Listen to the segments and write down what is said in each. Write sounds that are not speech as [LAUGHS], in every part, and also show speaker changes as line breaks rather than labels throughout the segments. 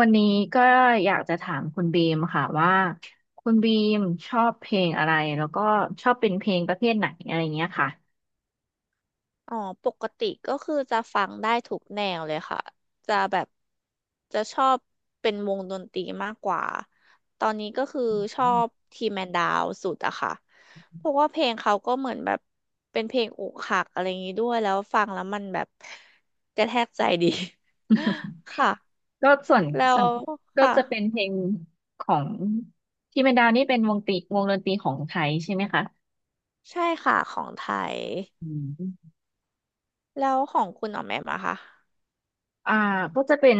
วันนี้ก็อยากจะถามคุณบีมค่ะว่าคุณบีมชอบเพลงอะไรแล้วก็ชอบเป็นเพลงประเภทไหนอะไรเงี้ยค่ะ
อ๋อปกติก็คือจะฟังได้ทุกแนวเลยค่ะจะแบบจะชอบเป็นวงดนตรีมากกว่าตอนนี้ก็คือช
[LAUGHS]
อบทีแมนดาวสุดอะค่ะเพราะว่าเพลงเขาก็เหมือนแบบเป็นเพลงอกหักอะไรอย่างนี้ด้วยแล้วฟังแล้วมันแบบกระแทกใจดี
อืม [LAUGHS]
[LAUGHS] ค่ะ
ก็ส่วน
แล้
ส่
ว
วนก็
ค่ะ
จะเป็นเพลงของที่เมนดาวนี่เป็นวงตีวงดนตรีของไทยใช่ไหมคะ
ใช่ค่ะของไทย
อืม
แล้วของคุณออกแบบมาค่ะ
อ่าก็จะเป็น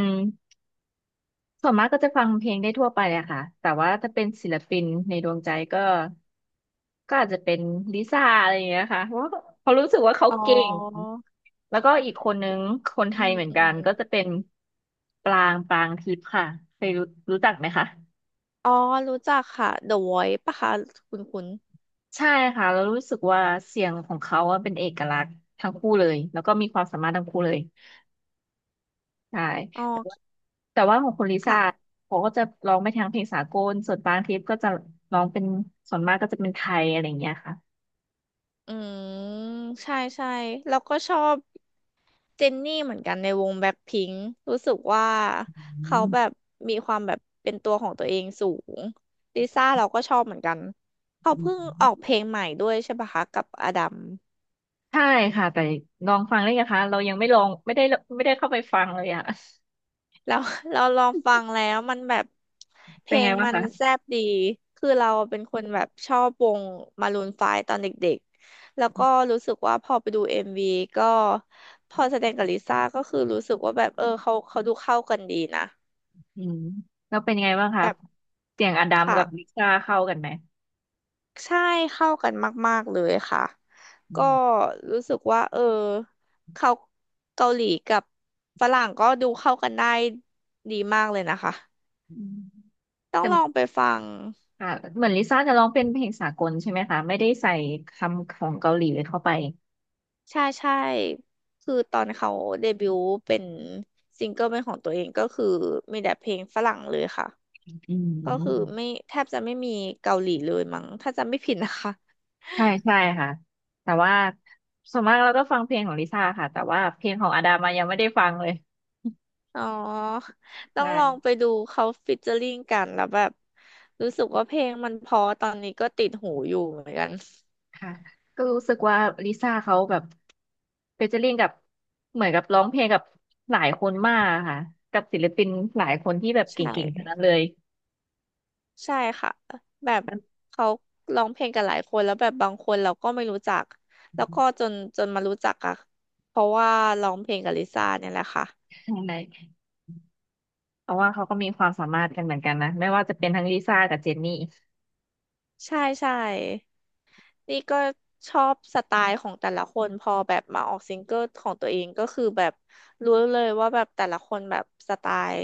ส่วนมากก็จะฟังเพลงได้ทั่วไปอะค่ะ แต่ว่าถ้าเป็นศิลปินในดวงใจก็อาจจะเป็นลิซ่าอะไรอย่างเงี้ยค่ะเพราะว่าเขารู้สึกว่าเขา
อ๋อ
เก่ง แล้วก็อีกคนนึงคนไท
อื
ย
ม
เหมือน
อื
กัน
ม
ก็จะเป็นปรางทิพย์ค่ะเคยรู้รู้จักไหมคะ
อ๋อ รู้จักค่ะ The Voice ปะคะคุณคุณ
ใช่ค่ะแล้วรู้สึกว่าเสียงของเขาอะเป็นเอกลักษณ์ทั้งคู่เลย แล้วก็มีความสามารถทั้งคู่เลย ใช่
อ๋อ
แต่ว่าแต่ว่าของคุณลิซ่า
ค่ะ
เขาก็จะร้องไปทางเพลงสากลส่วนบางคลิปก็จะร้องเป็นส่วนมากก็จะเป็นไทยอะไรอย่างเงี้ยค่ะ
อืม ใช่ใช่แล้วก็ชอบเจนนี่เหมือนกันในวงแบล็คพิงค์รู้สึกว่า
อื
เขาแบบ
ม
มีความแบบเป็นตัวของตัวเองสูงลิซ่าเราก็ชอบเหมือนกันเขา
อื
เพิ่งออกเพ
ม
ลงใหม่ด้วยใช่ปะคะกับอดัม
ใช่ค่ะแต่ลองฟังได้นะคะเรายังไม่ลองไม่ได้ไม่ได้เข้าไปฟังเลยอะ
แล้ว [LAUGHS] เราลองฟังแล้วมันแบบ
[LAUGHS]
เพ
เป็
ล
นไง
ง
บ้าง
มัน
คะ
แซ่บดีคือเราเป็นคนแบบชอบวงมารูนไฟว์ตอนเด็กๆแล้วก็รู้สึกว่าพอไปดูเอ็มวีก็พอแสดงกับลิซ่าก็คือรู้สึกว่าแบบเออเขาดูเข้ากันดีนะ
อืมแล้วเป็นไงบ้างคะ
แบบ
เสียงอดัมกับลิ
ค่ะ
ซ่าเข้ากันไหม
ใช่เข้ากันมากๆเลยค่ะ
อื
ก็
ม
รู้สึกว่าเออเขาเกาหลีกับฝรั่งก็ดูเข้ากันได้ดีมากเลยนะคะ
อืม
ต้อ
แต่
งลองไปฟัง
ค่ะเหมือนลิซ่าจะร้องเป็นเพลงสากลใช่ไหมคะไม่ได้ใส่คำของเกาหลีเข้าไป
ใช่ใช่คือตอนเขาเดบิวต์เป็นซิงเกิลเป็นของตัวเองก็คือมีแต่เพลงฝรั่งเลยค่ะ
อื
ก็คือ
ม
ไม่แทบจะไม่มีเกาหลีเลยมั้งถ้าจำไม่ผิดนะคะ
ใช่ใช่ค่ะแต่ว่าส่วนมากเราก็ฟังเพลงของลิซ่าค่ะแต่ว่าเพลงของอาดามายังไม่ได้ฟังเลย
อ๋อต้อ
ใช่
งลองไปดูเขาฟิชเจอริงกันแล้วแบบรู้สึกว่าเพลงมันเพอตอนนี้ก็ติดหูอยู่เหมือนกัน
ค่ะก็รู้สึกว่าลิซ่าเขาแบบเฟเจอริ่งกับเหมือนกับร้องเพลงกับหลายคนมากค่ะกับศิลปินหลายคนที่แบบเก
ใช่
่งๆทั้งนั้นเลย
ใช่ค่ะแบบเขาร้องเพลงกันหลายคนแล้วแบบบางคนเราก็ไม่รู้จักแล้วก็จนมารู้จักอะเพราะว่าร้องเพลงกับลิซ่าเนี่ยแหละค่ะ
ใช่เพราะว่าเขาก็มีความสามารถกันเหมือนกันนะไม่ว่าจะเป็นทั้งลิซ่ากับเจนนี่
ใช่ใช่นี่ก็ชอบสไตล์ของแต่ละคนพอแบบมาออกซิงเกิลของตัวเองก็คือแบบรู้เลยว่าแบบแต่ละคนแบบสไตล์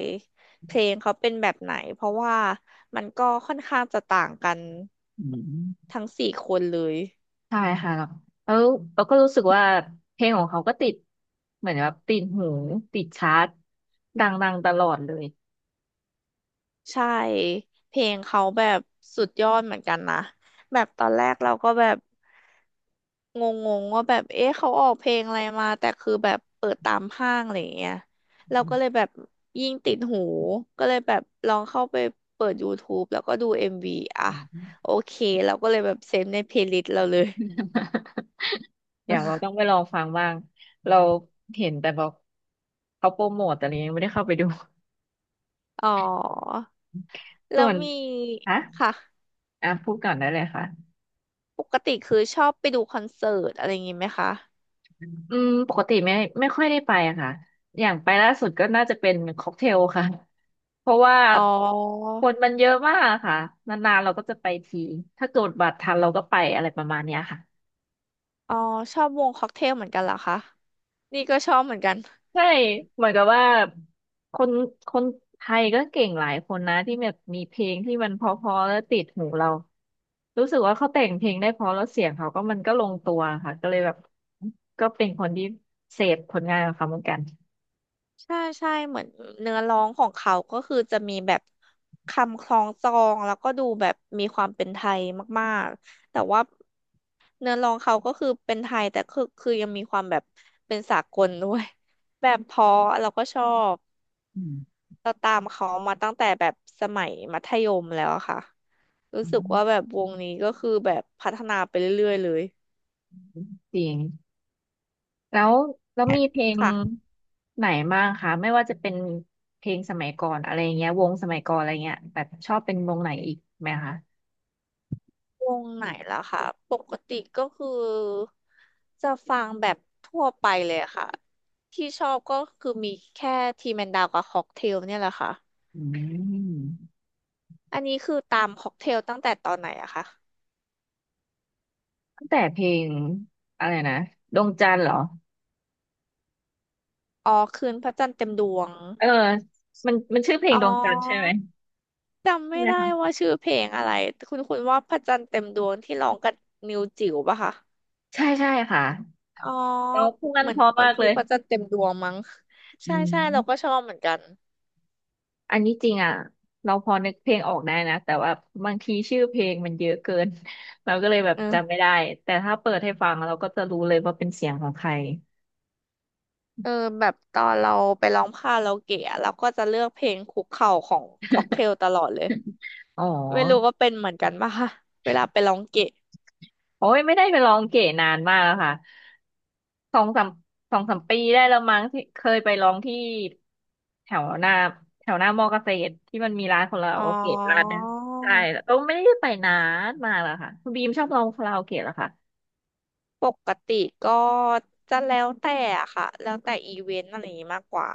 เพลงเขาเป็นแบบไหนเพราะว่ามันก็ค่อนข้างจะต่างกัน
อืม
ทั้งสี่คนเลย
ใช่ค่ะแล้วเราก็รู้สึกว่าเพลงของเขาก็ติดเหมือนแบบติดหูติดชาร์ตดังๆตลอดเลย
ใช่เพลงเขาแบบสุดยอดเหมือนกันนะแบบตอนแรกเราก็แบบงงๆว่าแบบเอ๊ะเขาออกเพลงอะไรมาแต่คือแบบเปิดตามห้างอะไรอย่างเงี้ยเรา
อืม
ก็เลยแบบยิ่งติดหูก็เลยแบบลองเข้าไปเปิด YouTube แล้วก็ดู MV อมวีอ่ะโอเคเราก็เลยแบบเซฟในเพลย์ลิสต์เราเลย
[LAUGHS] เดี๋ยวเราต้องไปลองฟังบ้างเราเห็นแต่บอกเขาโปรโมทแต่เรายังไม่ได้เข้าไปดู
อ๋อแล้
ส่
ว
วน
มี
ฮะ
ค่ะ
อ่ะพูดก่อนได้เลยค่ะ
ปกติคือชอบไปดูคอนเสิร์ตอะไรอย่างงี้ไหมคะ
อืมปกติไม่ค่อยได้ไปอะค่ะอย่างไปล่าสุดก็น่าจะเป็นค็อกเทลค่ะ [LAUGHS] เพราะว่า
อ๋อ
คนมันเยอะมากอะค่ะนานๆเราก็จะไปทีถ้าเกิดบัตรทันเราก็ไปอะไรประมาณเนี้ยค่ะ
อ๋อชอบวงค็อกเทลเหมือนกันเหรอคะ นี่ก็ชอบเหมือนกัน
ใช่เหมือนกับว่าคนคนไทยก็เก่งหลายคนนะที่แบบมีเพลงที่มันเพราะๆแล้วติดหูเรารู้สึกว่าเขาแต่งเพลงได้เพราะแล้วเสียงเขาก็มันก็ลงตัวค่ะก็เลยแบบก็เป็นคนที่เสพผลงานของเขาเหมือนกัน
ใช่ใช่เหมือนเนื้อร้องของเขา ก็คือจะมีแบบคำคล้องจองแล้วก็ดูแบบมีความเป็นไทยมากๆแต่ว่าเนื้อร้องเขาก็คือเป็นไทยแต่คือยังมีความแบบเป็นสากลด้วยแบบเพราะเราก็ชอบ
อืม
เราตามเขามาตั้งแต่แบบสมัยมัธยมแล้วอะค่ะรู้
อื
สึกว่าแบ
ม
บวงนี้ก็คือแบบพัฒนาไปเรื่อยๆเลย
จริง แล้วแล้วมีเพลง
ค่ะ
ไหนบ้างคะไม่ว่าจะเป็นเพลงสมัยก่อนอะไรเงี้ยวงสมัยก่อนอะไรเงี้ยแบบชอบเป็นวงไหนอีกไหมคะ
วงไหนล่ะค่ะปกติก็คือจะฟังแบบทั่วไปเลยค่ะที่ชอบก็คือมีแค่ทีแมนดาวกับค็อกเทลเนี่ยแหละค่ะ
อืม
อันนี้คือตามค็อกเทลตั้งแต่ตอนไหนอะคะ
ตั้งแต่เพลงอะไรนะดวงจันทร์เหรอ
อ๋อคืนพระจันทร์เต็มดวง
เออมันชื่อเพลง
อ๋
ดวงจันทร์ใช่ไห
อ
ม
จำ
ใช่
ไม่
ไหม
ได้
คะ
ว่าชื่อเพลงอะไรคุณคุณว่าพระจันทร์เต็มดวงที่ร้องกับนิวจิ๋วปะคะ
ใช่ใช่ค่ะ
อ๋อ
เราพูดกัน
เหมือ
เพ
น
ราะ
เหมือ
มา
น
ก
คื
เล
อ
ย
พระจันทร์เต็มดวงมั้ง
อื
ใช่ใช่เราก็
ม
ชอบเหมือนกัน
อันนี้จริงอ่ะเราพอนึกเพลงออกได้นะแต่ว่าบางทีชื่อเพลงมันเยอะเกิน [LAUGHS] เราก็เลยแบบ
เออ
จำไม่ได้แต่ถ้าเปิดให้ฟังเราก็จะรู้เลยว่าเป็นเสียงของใคร
เออแบบตอนเราไปร้องคาราโอเกะอะเราก็จะเลือกเพลงคุกเข่าของค็อกเทลตลอดเลย
อ๋อ
ไม่รู้ว่าเป็นเหมือนกันป่ะคะเวลาไปร้องเกะ
โอ้ยไม่ได้ไปร้องเก๋นานมากแล้วค่ะสองสามสองสามปีได้แล้วมั้งที่เคยไปร้องที่แถวหน้าแถวหน้ามอเกษตรที่มันมีร้านของเรา
อ๋อ
โอเคร้านนึงใช่แล้วก็ไม่ได้ไปนานมากแล้วค่ะคุณบีมชอบร้องคาราโอเกะเหรอคะ
ปกติก็จะแล้วแต่อะค่ะแล้วแต่อีเวนต์อะไรอย่างนี้มากกว่า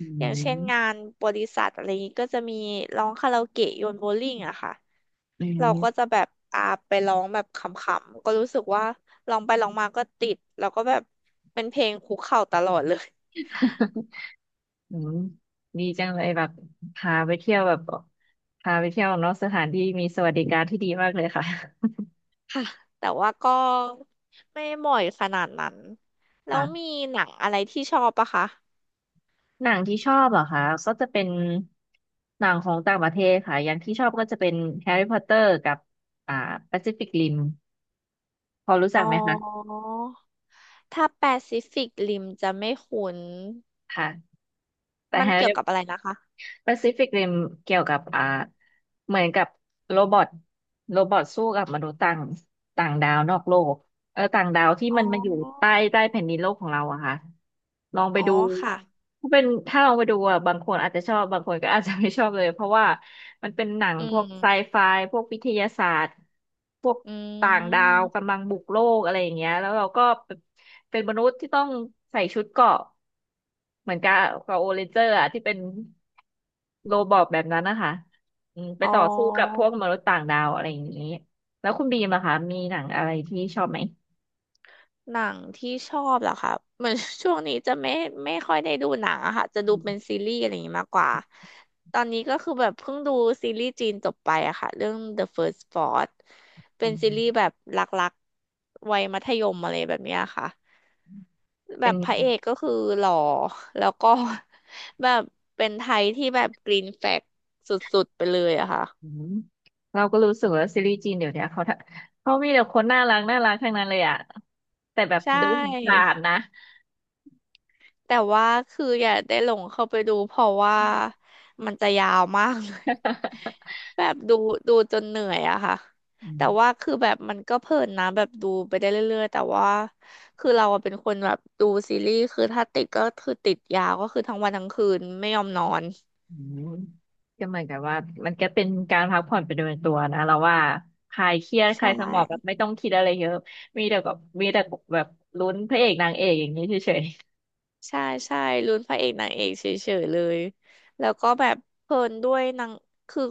อื
อย่างเช่นงา
ม
นบริษัทอะไรอย่างนี้ก็จะมีร้องคาราโอเกะโยนโบว์ลิ่งอะค่ะ
อื
เราก็
ม
จะแบบอ่าไปร้องแบบขำๆก็รู้สึกว่าร้องไปร้องมาก็ติดแล้วก็แบบเป็นเพลงคุกเข่าตลอดเลย
อืมดีจังเลยแบบพาไปเที่ยวแบบพาไปเที่ยวนอกสถานที่มีสวัสดิการที่ดีมากเลยค่ะ
ค่ะแต่ว่าก็ไม่บ่อยขนาดนั้นแล้วมี
ค่ะ
หนังอะไรที่ชอบปะคะ
หนังที่ชอบเหรอคะก็จะเป็นหนังของต่างประเทศค่ะอย่างที่ชอบก็จะเป็นแฮร์รี่พอตเตอร์กับอ่าแปซิฟิกริมพอรู้จั
อ๋อ
กไหมคะ
ถ้าแปซิฟิกริมจะไม่คุ้น
ค่ะแต่
มัน
แฮร์
เกี่ย
รี่
วกับอะไรนะคะ
แปซิฟิกริมเกี่ยวกับเหมือนกับโรบอทโรบอทสู้กับมนุษย์ต่างต่างดาวนอกโลกเออต่างดาวที่
อ๋
มันมาอยู่
อ
ใต้แผ่นดินโลกของเราอะค่ะลองไป
อ๋อ
ดู
ค่ะ
ถ้าเป็นถ้าลองไปดูอะบางคนอาจจะชอบบางคนก็อาจจะไม่ชอบเลยเพราะว่ามันเป็นหนัง
อื
พวกไซ
ม
ไฟพวกวิทยาศาสตร์พวก
อื
ต่างดาว
ม
กำลังบุกโลกอะไรอย่างเงี้ยแล้วเราก็เป็นมนุษย์ที่ต้องใส่ชุดเกราะเหมือนกับกับโอเรนเจอร์อะที่เป็น โรบอทแบบนั้นนะคะไป
อ๋อ
ต่อสู้กับพวกมนุษย์ต่างดาวอะไรอย่างนี้แล้วคุณบีมล่ะคะมีหนังอะไรที่ชอบไหม
หนังที่ชอบเหรอคะเหมือน [LAUGHS] ช่วงนี้จะไม่ค่อยได้ดูหนังอะค่ะจะดู
อื
เป็น
ม
ซีรีส์อะไรอย่างนี้มากกว่าตอนนี้ก็คือแบบเพิ่งดูซีรีส์จีนจบไปอะค่ะเรื่อง The First Spot เป็
อื
นซีรีส์แบ
ม
บรักๆวัยมัธยมอะไรแบบเนี้ยค่ะแบ
เป็น
บพระเอกก็คือหล่อแล้วก็ [LAUGHS] แบบเป็นไทยที่แบบกรีนแฟลกสุดๆไปเลยอะค่ะ
อืมเราก็รู้สึกว่าซีรีส์จีนเดี๋ยวเนี้ยเขาทำเขามีแต่คนน่ารักน่ารักทั้งนั้นเลยอะแต่แบบ
ใช่
ดูผ่านๆนะ
แต่ว่าคืออย่าได้หลงเข้าไปดูเพราะว่ามันจะยาวมากเลย
[LAUGHS]
[LAUGHS] แบบดูจนเหนื่อยอะค่ะ
อื
แต่
ม
ว่าคือแบบมันก็เพลินนะแบบดูไปได้เรื่อยๆแต่ว่าเราอะเป็นคนแบบดูซีรีส์คือถ้าติดก็คือติดยาวก็คือทั้งวันทั้งคืนไม่ยอมนอน
อืมก็เหมือนกับว่ามันก็เป็นการพักผ่อนไปโดยตัวนะเราว่าคลายเครียดค
ใช่
ลายสมองแบบไม่ต้องคิดอะไรเยอะมีแต่กับมีแต่แบบลุ้นพระเอกนางเอกอย่างนี้เฉย
ใช่ใช่ลุ้นพระเอกนางเอกเฉยๆเลยแล้วก็แบบเพลินด้วยนางคือ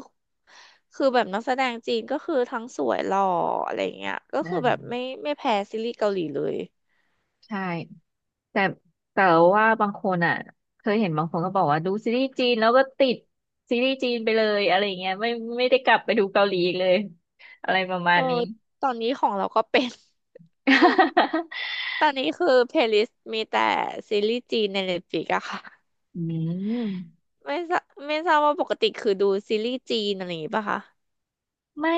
คือแบบนักแสดงจีนก็คือทั้งสวยหล่ออะไรเงี้ยก็
อื
คือ
ม
แบบไม่แพ้ซีรีส์เกาหลีเลย
ใช่แต่แต่ว่าบางคนอ่ะเคยเห็นบางคนก็บอกว่าดูซีรีส์จีนแล้วก็ติดซีรีส์จีนไปเลยอะไรอย่างเงี้ยไม่ได้กลับไปดูเกาหลีอีกเลยอะไรประมา
เอ
ณ
อ
นี้
ตอนนี้ของเราก็เป็น
[LAUGHS]
[LAUGHS] ตอนนี้คือเพลย์ลิสต์มีแต่ซีรีส์จีนใน Netflix อะค่ะ
อืม
ไม่ทราไม่ทราบว่าปกติคือดูซีรีส์จีนอะไรอย่างงี้ป่ะคะ
ไม่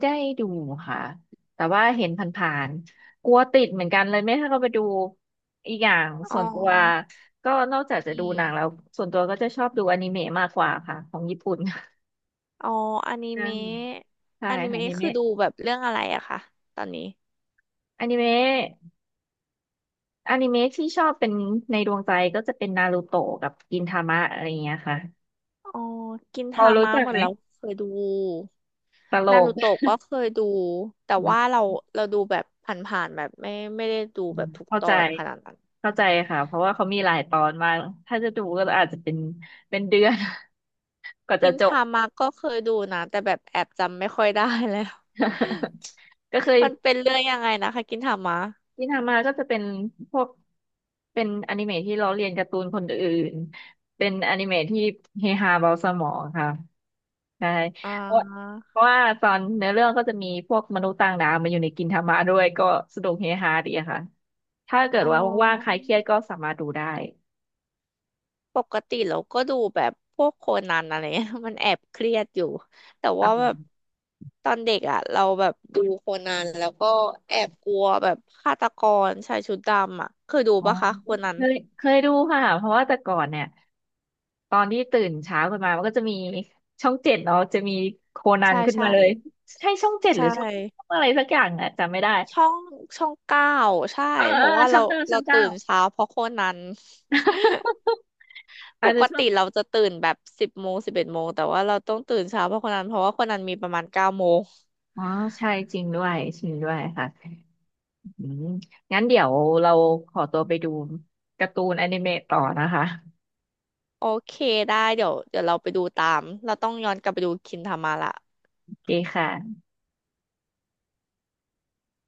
ได้ดูค่ะแต่ว่าเห็นผ่านๆกลัวติดเหมือนกันเลยไม่ให้เขาไปดูอีกอย่าง
อ๋อ
ส่วนตัวก็นอกจากจะ
อื
ดูหนังแล้ว
ม
ส่วนตัวก็จะชอบดูอนิเมะมากกว่าค่ะของญี่ปุ่น
อ๋ออนิ
ใช่
เมะ
[LAUGHS] ใช่
อนิ
ค่ะอ
เมะ
นิ
คือ
เมะ
ดูแบบเรื่องอะไรอะคะตอนนี้
อนิเมะ อนิเมะที่ชอบเป็นในดวงใจก็จะเป็นนารูโตะกับกินทามะอะไรอย่างเงี้ยค่ะ
อ๋อกิน
พอ
ทา
รู้
มะ
จัก
เหมือ
ไห
น
ม
เราเคยดู
ตล
นา
ก
รูโตะก็เคยดูแต่ว่า
อ
เราดูแบบผ่านๆแบบไม่ได้ดู
ื
แบ
ม
บทุก
เข้า
ตอ
ใจ
นขนาดนั้น
เข้าใจค่ะเพราะว่าเขามีหลายตอนมากถ้าจะดูก็อาจจะเป็นเดือน [LAUGHS] กว่าจะ
กิน
จบ
ทามะก็เคยดูนะแต่แบบแอบจำไม่ค่อยได้แล้ว
[LAUGHS] ก็เคย
มันเป็นเรื่องยังไงนะคะกินทามะ
ที่ทำมาก็จะเป็นพวกเป็นอนิเมะที่ล้อเลียนการ์ตูนคนอื่นเป็นอนิเมะที่เฮฮาเบาสมองค่ะใช่
อ่
เพราะ
า
เพราะว่าตอนเนื้อเรื่องก็จะมีพวกมนุษย์ต่างดาวมาอยู่ในกินทามะด้วยก็สนุกเฮฮาดีอะค่ะถ้าเกิด
อ๋อ
ว่าว่างๆใครเครียดก็สามารถดูได้
ปกติเราก็ดูแบบพวกโคนันอะไรเงี้ย [LAUGHS] มันแอบเครียดอยู่แต่ว่าแบบตอนเด็กอ่ะเราแบบดูโคนันแล้วก็แอบกลัวแบบฆาตกรชายชุดดำอ่ะเคยดู
อ๋อ
ปะคะโคนั
เค
น
ยดูค่ะเพราะว่าแต่ก่อนเนี่ย ตอนที่ตื่นเช้าขึ้นมามันก็จะมีช่องเจ็ดเนาะจะมีโคนัน
ใช่
ขึ้นมา
ใช่
เลยใช่ช่องเจ็ดหรื
ใช่
อช่องช่องอะไรสักอย่างอะจำไม่ได้
ช่องช่องเก้าใช่
เออ
เพ
เออ
ราะว่า
ช่
เรา
องเก้า
เราตื่นเช้าเพราะโคนัน
[LAUGHS]
ป
อาจจะ
ก
ช่อ
ติ
ง
เราจะตื่นแบบ10 โมง11 โมงแต่ว่าเราต้องตื่นเช้าเพราะโคนันเพราะว่าโคนันมีประมาณ9 โมง
อ๋อใช่จริงด้วยจริงด้วยค่ะอืมงั้นเดี๋ยวเราขอตัวไปดูการ์ตูนอนิเมะต่อนะคะ
โอเคได้เดี๋ยวเราไปดูตามเราต้องย้อนกลับไปดูคินทามาละ
โอเคค่ะ